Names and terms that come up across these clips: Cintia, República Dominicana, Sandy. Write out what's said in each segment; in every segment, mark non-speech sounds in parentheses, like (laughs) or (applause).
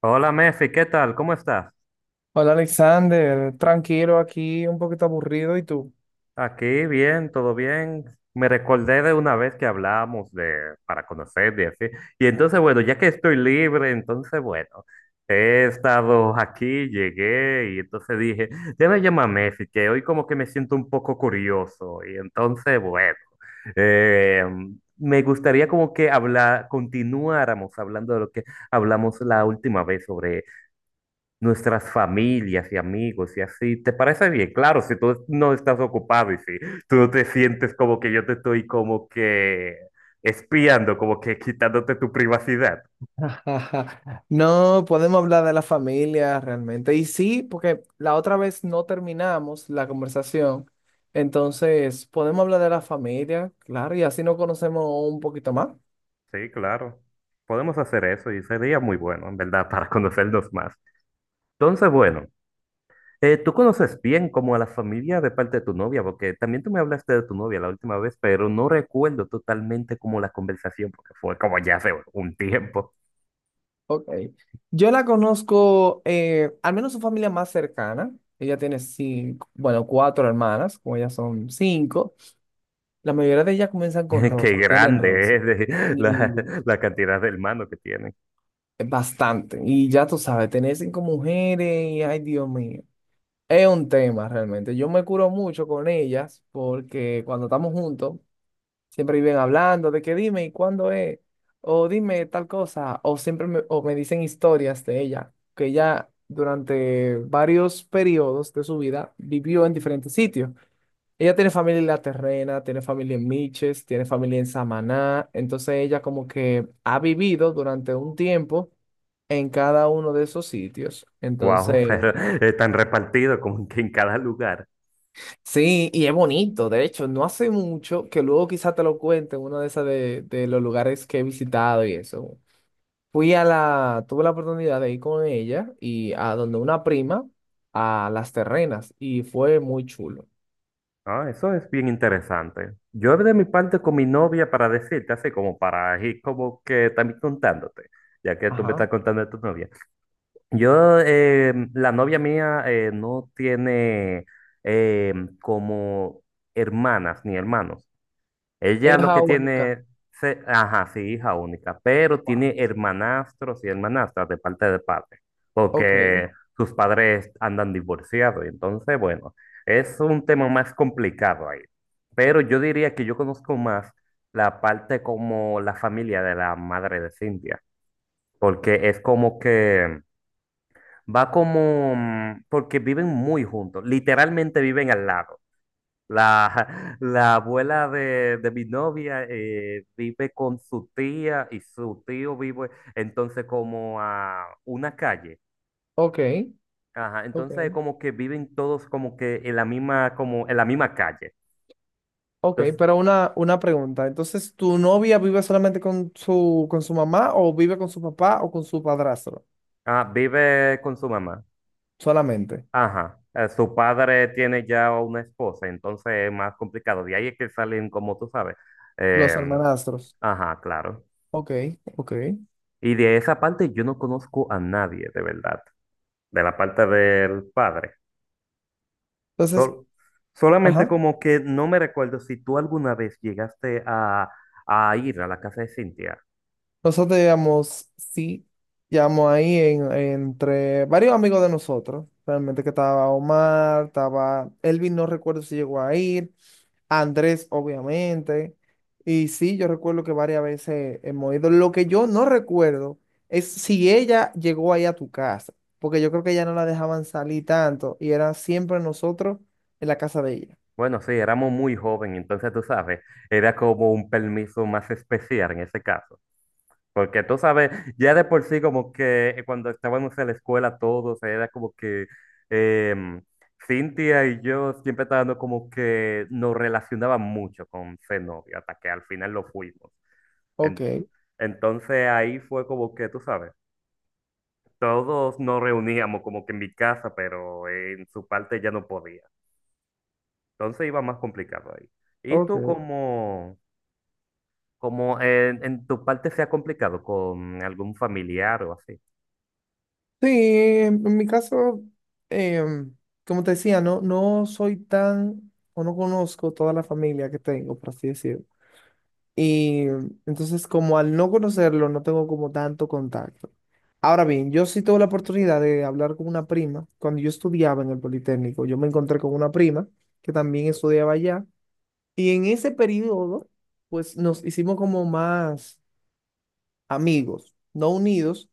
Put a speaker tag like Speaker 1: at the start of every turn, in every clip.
Speaker 1: Hola Mefi, ¿qué tal? ¿Cómo estás?
Speaker 2: Hola Alexander, tranquilo aquí, un poquito aburrido, ¿y tú?
Speaker 1: Aquí bien, todo bien. Me recordé de una vez que hablamos de para conocer y así. Y entonces, bueno, ya que estoy libre, entonces, bueno, he estado aquí, llegué y entonces dije, déjame llamar a Mefi, que hoy como que me siento un poco curioso. Y entonces, bueno, eh, me gustaría como que hablar, continuáramos hablando de lo que hablamos la última vez sobre nuestras familias y amigos y así. ¿Te parece bien? Claro, si tú no estás ocupado y si tú no te sientes como que yo te estoy como que espiando, como que quitándote tu privacidad.
Speaker 2: (laughs) No, podemos hablar de la familia realmente. Y sí, porque la otra vez no terminamos la conversación, entonces podemos hablar de la familia, claro, y así nos conocemos un poquito más.
Speaker 1: Sí, claro. Podemos hacer eso y sería muy bueno, en verdad, para conocernos más. Entonces, bueno, tú conoces bien como a la familia de parte de tu novia, porque también tú me hablaste de tu novia la última vez, pero no recuerdo totalmente como la conversación, porque fue como ya hace un tiempo.
Speaker 2: Ok. Yo la conozco, al menos su familia más cercana. Ella tiene cinco, bueno, cuatro hermanas, como ellas son cinco. La mayoría de ellas comienzan con
Speaker 1: (laughs) Qué
Speaker 2: Rosa, o tienen
Speaker 1: grande
Speaker 2: Rosa.
Speaker 1: es la, la cantidad de hermanos que tienen.
Speaker 2: Bastante. Y ya tú sabes, tener cinco mujeres, y, ay Dios mío, es un tema realmente. Yo me curo mucho con ellas porque cuando estamos juntos, siempre viven hablando de que dime y cuándo es, o dime tal cosa, o siempre me, o me dicen historias de ella, que ella durante varios periodos de su vida vivió en diferentes sitios. Ella tiene familia en La Terrena, tiene familia en Miches, tiene familia en Samaná. Entonces ella como que ha vivido durante un tiempo en cada uno de esos sitios.
Speaker 1: Wow, (laughs)
Speaker 2: Entonces,
Speaker 1: pero están repartidos como que en cada lugar.
Speaker 2: sí, y es bonito. De hecho, no hace mucho que luego quizá te lo cuente uno de esas de los lugares que he visitado y eso. Fui a tuve la oportunidad de ir con ella y a donde una prima, a Las Terrenas, y fue muy chulo.
Speaker 1: Ah, eso es bien interesante. Yo de mi parte con mi novia para decirte así como para ir como que también contándote, ya que tú me
Speaker 2: Ajá.
Speaker 1: estás contando de tu novia. Yo, la novia mía no tiene eh, como hermanas ni hermanos. Ella
Speaker 2: Ella es
Speaker 1: lo que
Speaker 2: jamaicana.
Speaker 1: tiene, ajá, sí, hija única, pero
Speaker 2: Wow.
Speaker 1: tiene hermanastros y hermanastras de parte de padre,
Speaker 2: Ok,
Speaker 1: porque sus padres andan divorciados, y entonces, bueno, es un tema más complicado ahí. Pero yo diría que yo conozco más la parte como la familia de la madre de Cintia, porque es como que va como, porque viven muy juntos, literalmente viven al lado. La, (laughs) la abuela de mi novia vive con su tía y su tío vive entonces como a una calle.
Speaker 2: ok.
Speaker 1: Ajá,
Speaker 2: Ok,
Speaker 1: entonces como que viven todos como que en la misma, como en la misma calle.
Speaker 2: ok,
Speaker 1: Entonces,
Speaker 2: pero una pregunta. Entonces, ¿tu novia vive solamente con su mamá o vive con su papá o con su padrastro?
Speaker 1: ah, vive con su mamá.
Speaker 2: Solamente.
Speaker 1: Ajá. Su padre tiene ya una esposa, entonces es más complicado. De ahí es que salen, como tú sabes.
Speaker 2: Los
Speaker 1: em,
Speaker 2: hermanastros.
Speaker 1: ajá, claro.
Speaker 2: Ok, ok.
Speaker 1: Y de esa parte yo no conozco a nadie, de verdad. De la parte del padre.
Speaker 2: Entonces,
Speaker 1: Sol- Solamente
Speaker 2: ajá.
Speaker 1: como que no me recuerdo si tú alguna vez llegaste a ir a la casa de Cintia.
Speaker 2: Nosotros llegamos, sí, llegamos ahí entre varios amigos de nosotros. Realmente que estaba Omar, estaba Elvin, no recuerdo si llegó a ir, Andrés, obviamente. Y sí, yo recuerdo que varias veces hemos ido. Lo que yo no recuerdo es si ella llegó ahí a tu casa, porque yo creo que ella no la dejaban salir tanto y era siempre nosotros en la casa de ella.
Speaker 1: Bueno, sí, éramos muy jóvenes, entonces tú sabes, era como un permiso más especial en ese caso. Porque tú sabes, ya de por sí como que cuando estábamos en la escuela todos, era como que em, Cintia y yo siempre estábamos como que nos relacionaban mucho con ser novio, hasta que al final lo fuimos.
Speaker 2: Ok,
Speaker 1: En- entonces ahí fue como que, tú sabes. Todos nos reuníamos como que en mi casa, pero en su parte ya no podía. Entonces iba más complicado ahí. ¿Y tú
Speaker 2: ok.
Speaker 1: cómo, cómo en tu parte se ha complicado con algún familiar o así?
Speaker 2: Sí, en mi caso, em, como te decía, no, no soy tan, o no conozco toda la familia que tengo, por así decirlo. Y entonces, como al no conocerlo, no tengo como tanto contacto. Ahora bien, yo sí tuve la oportunidad de hablar con una prima. Cuando yo estudiaba en el Politécnico, yo me encontré con una prima que también estudiaba allá. Y en ese periodo, pues nos hicimos como más amigos, no unidos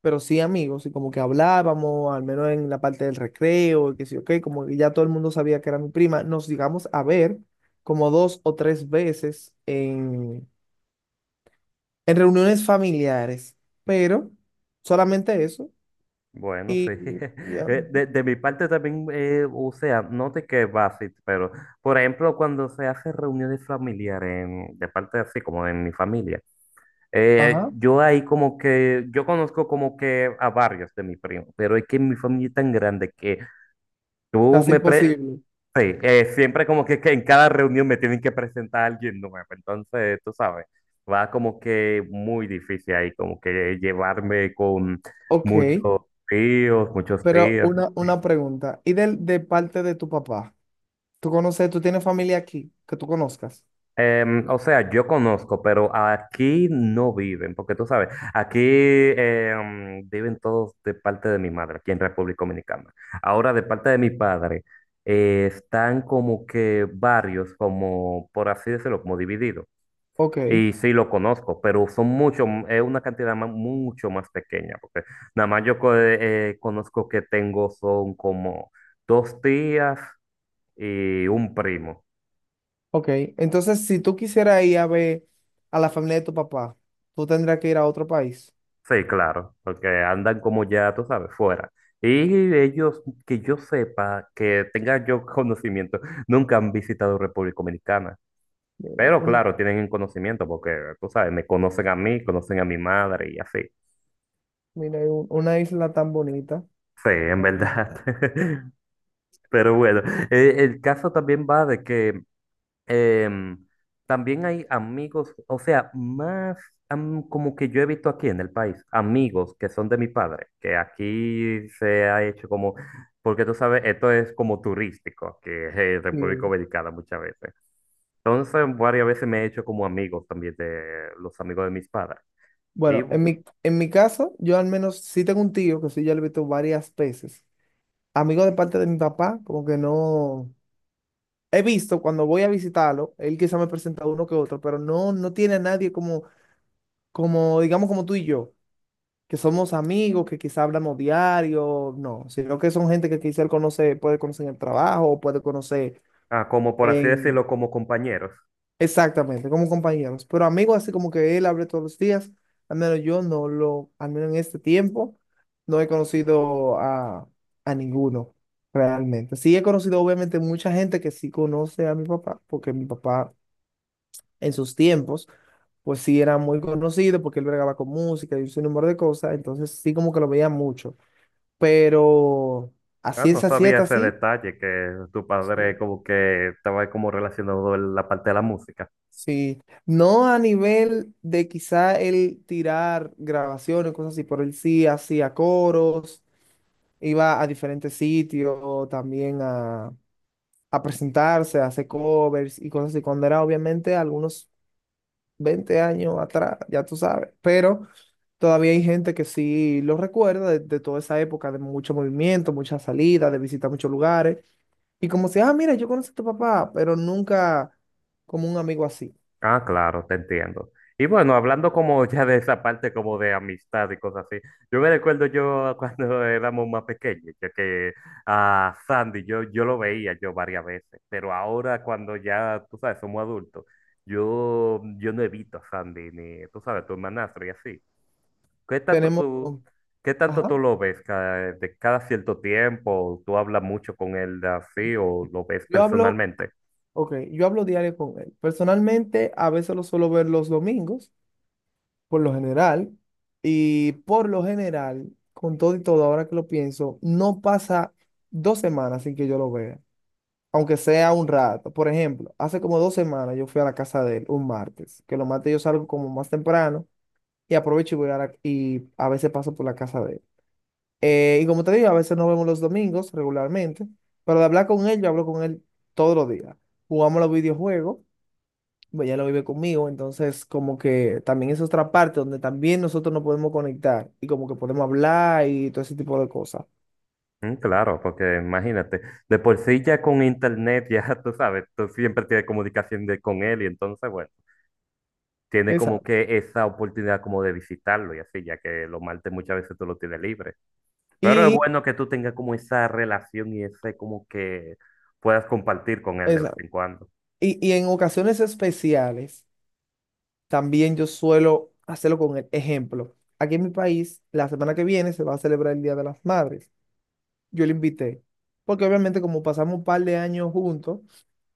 Speaker 2: pero sí amigos, y como que hablábamos, al menos en la parte del recreo, y que sí, ok, como que ya todo el mundo sabía que era mi prima, nos llegamos a ver como dos o tres veces en reuniones familiares, pero solamente eso,
Speaker 1: Bueno,
Speaker 2: y
Speaker 1: sí.
Speaker 2: y
Speaker 1: (laughs)
Speaker 2: ya,
Speaker 1: De mi parte también, o sea, no te que va así, pero por ejemplo, cuando se hace reuniones familiares de parte así como en mi familia,
Speaker 2: ajá,
Speaker 1: yo ahí como que, yo conozco como que a varios de mi primo, pero es que mi familia es tan grande que Tú
Speaker 2: casi
Speaker 1: me pre
Speaker 2: imposible.
Speaker 1: sí, siempre como que en cada reunión me tienen que presentar a alguien nuevo, entonces tú sabes, va como que muy difícil ahí, como que llevarme con
Speaker 2: Ok,
Speaker 1: muchos tíos, muchos
Speaker 2: pero
Speaker 1: tíos.
Speaker 2: una pregunta, ¿y del de parte de tu papá? ¿Tú conoces, tú tienes familia aquí que tú conozcas?
Speaker 1: O sea, yo conozco, pero aquí no viven, porque tú sabes, aquí viven todos de parte de mi madre, aquí en República Dominicana. Ahora de parte de mi padre, están como que varios, como por así decirlo, como divididos.
Speaker 2: Ok.
Speaker 1: Y sí lo conozco, pero son mucho, es una cantidad mucho más pequeña, porque nada más yo conozco que tengo son como dos tías y un primo.
Speaker 2: Ok, entonces si tú quisieras ir a ver a la familia de tu papá, tú tendrías que ir a otro país.
Speaker 1: Sí, claro, porque andan como ya, tú sabes, fuera. Y ellos, que yo sepa, que tenga yo (laughs) conocimiento, nunca han visitado República Dominicana.
Speaker 2: Mira,
Speaker 1: Pero
Speaker 2: una,
Speaker 1: claro, tienen el conocimiento, porque tú sabes, me conocen a mí, conocen a mi madre y así.
Speaker 2: mira, hay una isla tan bonita.
Speaker 1: Sí, en
Speaker 2: Vale.
Speaker 1: verdad. (laughs) Pero bueno, el caso también va de que em, también hay amigos, o sea, más como que yo he visto aquí en el país, amigos que son de mi padre, que aquí se ha hecho como, porque tú sabes, esto es como turístico, que es República
Speaker 2: Y,
Speaker 1: Dominicana muchas veces. Entonces, varias veces me he hecho como amigos también de los amigos de mis padres. Y
Speaker 2: Bueno, en
Speaker 1: bu-
Speaker 2: mi caso, yo al menos sí tengo un tío que sí, yo lo he visto varias veces. Amigo de parte de mi papá, como que no. He visto cuando voy a visitarlo, él quizá me presenta uno que otro, pero no, no tiene a nadie digamos, como tú y yo. Que somos amigos, que quizá hablamos diario, no, sino que son gente que quizá él conoce, puede conocer en el trabajo, o puede conocer
Speaker 1: ah, como por así decirlo,
Speaker 2: en,
Speaker 1: como compañeros.
Speaker 2: exactamente, como compañeros, pero amigos así como que él hable todos los días, al menos yo no lo, al menos en este tiempo, no he conocido a ninguno realmente. Sí he conocido obviamente mucha gente que sí conoce a mi papá, porque mi papá en sus tiempos pues sí era muy conocido porque él bregaba con música y un sinnúmero de cosas, entonces sí como que lo veía mucho. Pero a
Speaker 1: Ah, no
Speaker 2: ciencia
Speaker 1: sabía
Speaker 2: cierta,
Speaker 1: ese
Speaker 2: así
Speaker 1: detalle que tu padre
Speaker 2: sí.
Speaker 1: como que estaba como relacionado en la parte de la música.
Speaker 2: Sí. No a nivel de quizá él tirar grabaciones, cosas así, pero él sí hacía coros, iba a diferentes sitios también a presentarse, a hacer covers y cosas así, cuando era obviamente algunos 20 años atrás, ya tú sabes, pero todavía hay gente que sí lo recuerda de toda esa época de mucho movimiento, muchas salidas, de visitar muchos lugares. Y como si, ah, mira, yo conozco a tu papá, pero nunca como un amigo así.
Speaker 1: Ah, claro, te entiendo. Y bueno, hablando como ya de esa parte como de amistad y cosas así, yo me recuerdo yo cuando (laughs) éramos más pequeños, ya que a Sandy yo, yo lo veía yo varias veces, pero ahora cuando ya, tú sabes, somos adultos, yo no evito a Sandy ni, tú sabes, tu hermanastro y así. ¿Qué tanto
Speaker 2: Tenemos,
Speaker 1: tú, qué tanto
Speaker 2: ajá,
Speaker 1: tú lo ves? Cada, de cada cierto tiempo, ¿tú hablas mucho con él de así o lo ves
Speaker 2: yo hablo,
Speaker 1: personalmente?
Speaker 2: ok, yo hablo diario con él. Personalmente, a veces lo suelo ver los domingos, por lo general, y por lo general, con todo y todo, ahora que lo pienso, no pasa 2 semanas sin que yo lo vea, aunque sea un rato. Por ejemplo, hace como 2 semanas yo fui a la casa de él un martes, que los martes yo salgo como más temprano y aprovecho y voy a y a veces paso por la casa de él. Y como te digo, a veces nos vemos los domingos regularmente, pero de hablar con él, yo hablo con él todos los días. Jugamos los videojuegos, pues, ya lo vive conmigo, entonces como que también es otra parte donde también nosotros nos podemos conectar y como que podemos hablar y todo ese tipo de cosas.
Speaker 1: Mm, claro, porque imagínate, de por sí ya con internet, ya (laughs) tú sabes, tú siempre tienes comunicación con él y entonces, bueno, tiene como
Speaker 2: Exacto.
Speaker 1: que esa oportunidad como de visitarlo y así, ya que los martes muchas veces tú lo tienes libre. Pero es
Speaker 2: Y,
Speaker 1: bueno que tú tengas como esa relación y ese como que puedas compartir con él de vez
Speaker 2: exacto.
Speaker 1: en cuando.
Speaker 2: Y, en ocasiones especiales, también yo suelo hacerlo con el ejemplo. Aquí en mi país, la semana que viene se va a celebrar el Día de las Madres. Yo le invité, porque obviamente como pasamos un par de años juntos,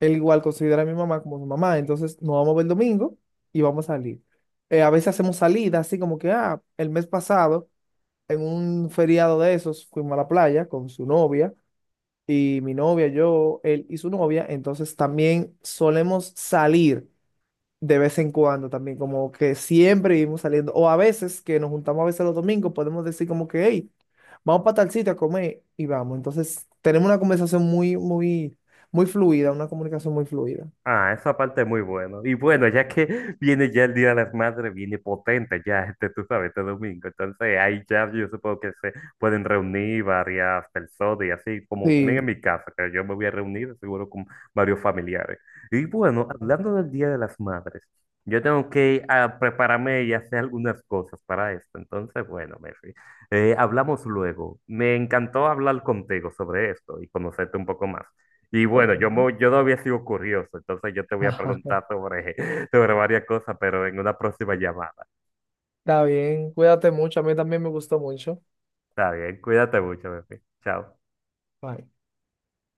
Speaker 2: él igual considera a mi mamá como su mamá, entonces nos vamos a ver el domingo y vamos a salir. A veces hacemos salidas, así como que, ah, el mes pasado, en un feriado de esos, fuimos a la playa con su novia y mi novia, yo, él y su novia, entonces también solemos salir de vez en cuando también, como que siempre vivimos saliendo, o a veces que nos juntamos a veces los domingos, podemos decir como que, hey, vamos para tal sitio a comer y vamos. Entonces tenemos una conversación muy, muy, muy fluida, una comunicación muy fluida.
Speaker 1: Ah, esa parte es muy bueno. Y bueno, ya que (laughs) viene ya el Día de las Madres, viene potente ya (laughs) este, tú sabes, este domingo. Entonces ahí ya yo supongo que se pueden reunir varias personas y así, como también en
Speaker 2: Sí,
Speaker 1: mi casa, que yo me voy a reunir seguro con varios familiares. Y bueno, hablando del Día de las Madres, yo tengo que ah, prepararme y hacer algunas cosas para esto. Entonces, bueno, Mefi, hablamos luego. Me encantó hablar contigo sobre esto y conocerte un poco más. Y
Speaker 2: ok.
Speaker 1: bueno, yo,
Speaker 2: (laughs)
Speaker 1: yo no había sido curioso, entonces yo te voy a preguntar sobre, (laughs) sobre varias cosas, pero en una próxima llamada.
Speaker 2: Está bien, cuídate mucho, a mí también me gustó mucho.
Speaker 1: Está bien, cuídate mucho, bebé. Chao.
Speaker 2: Bye.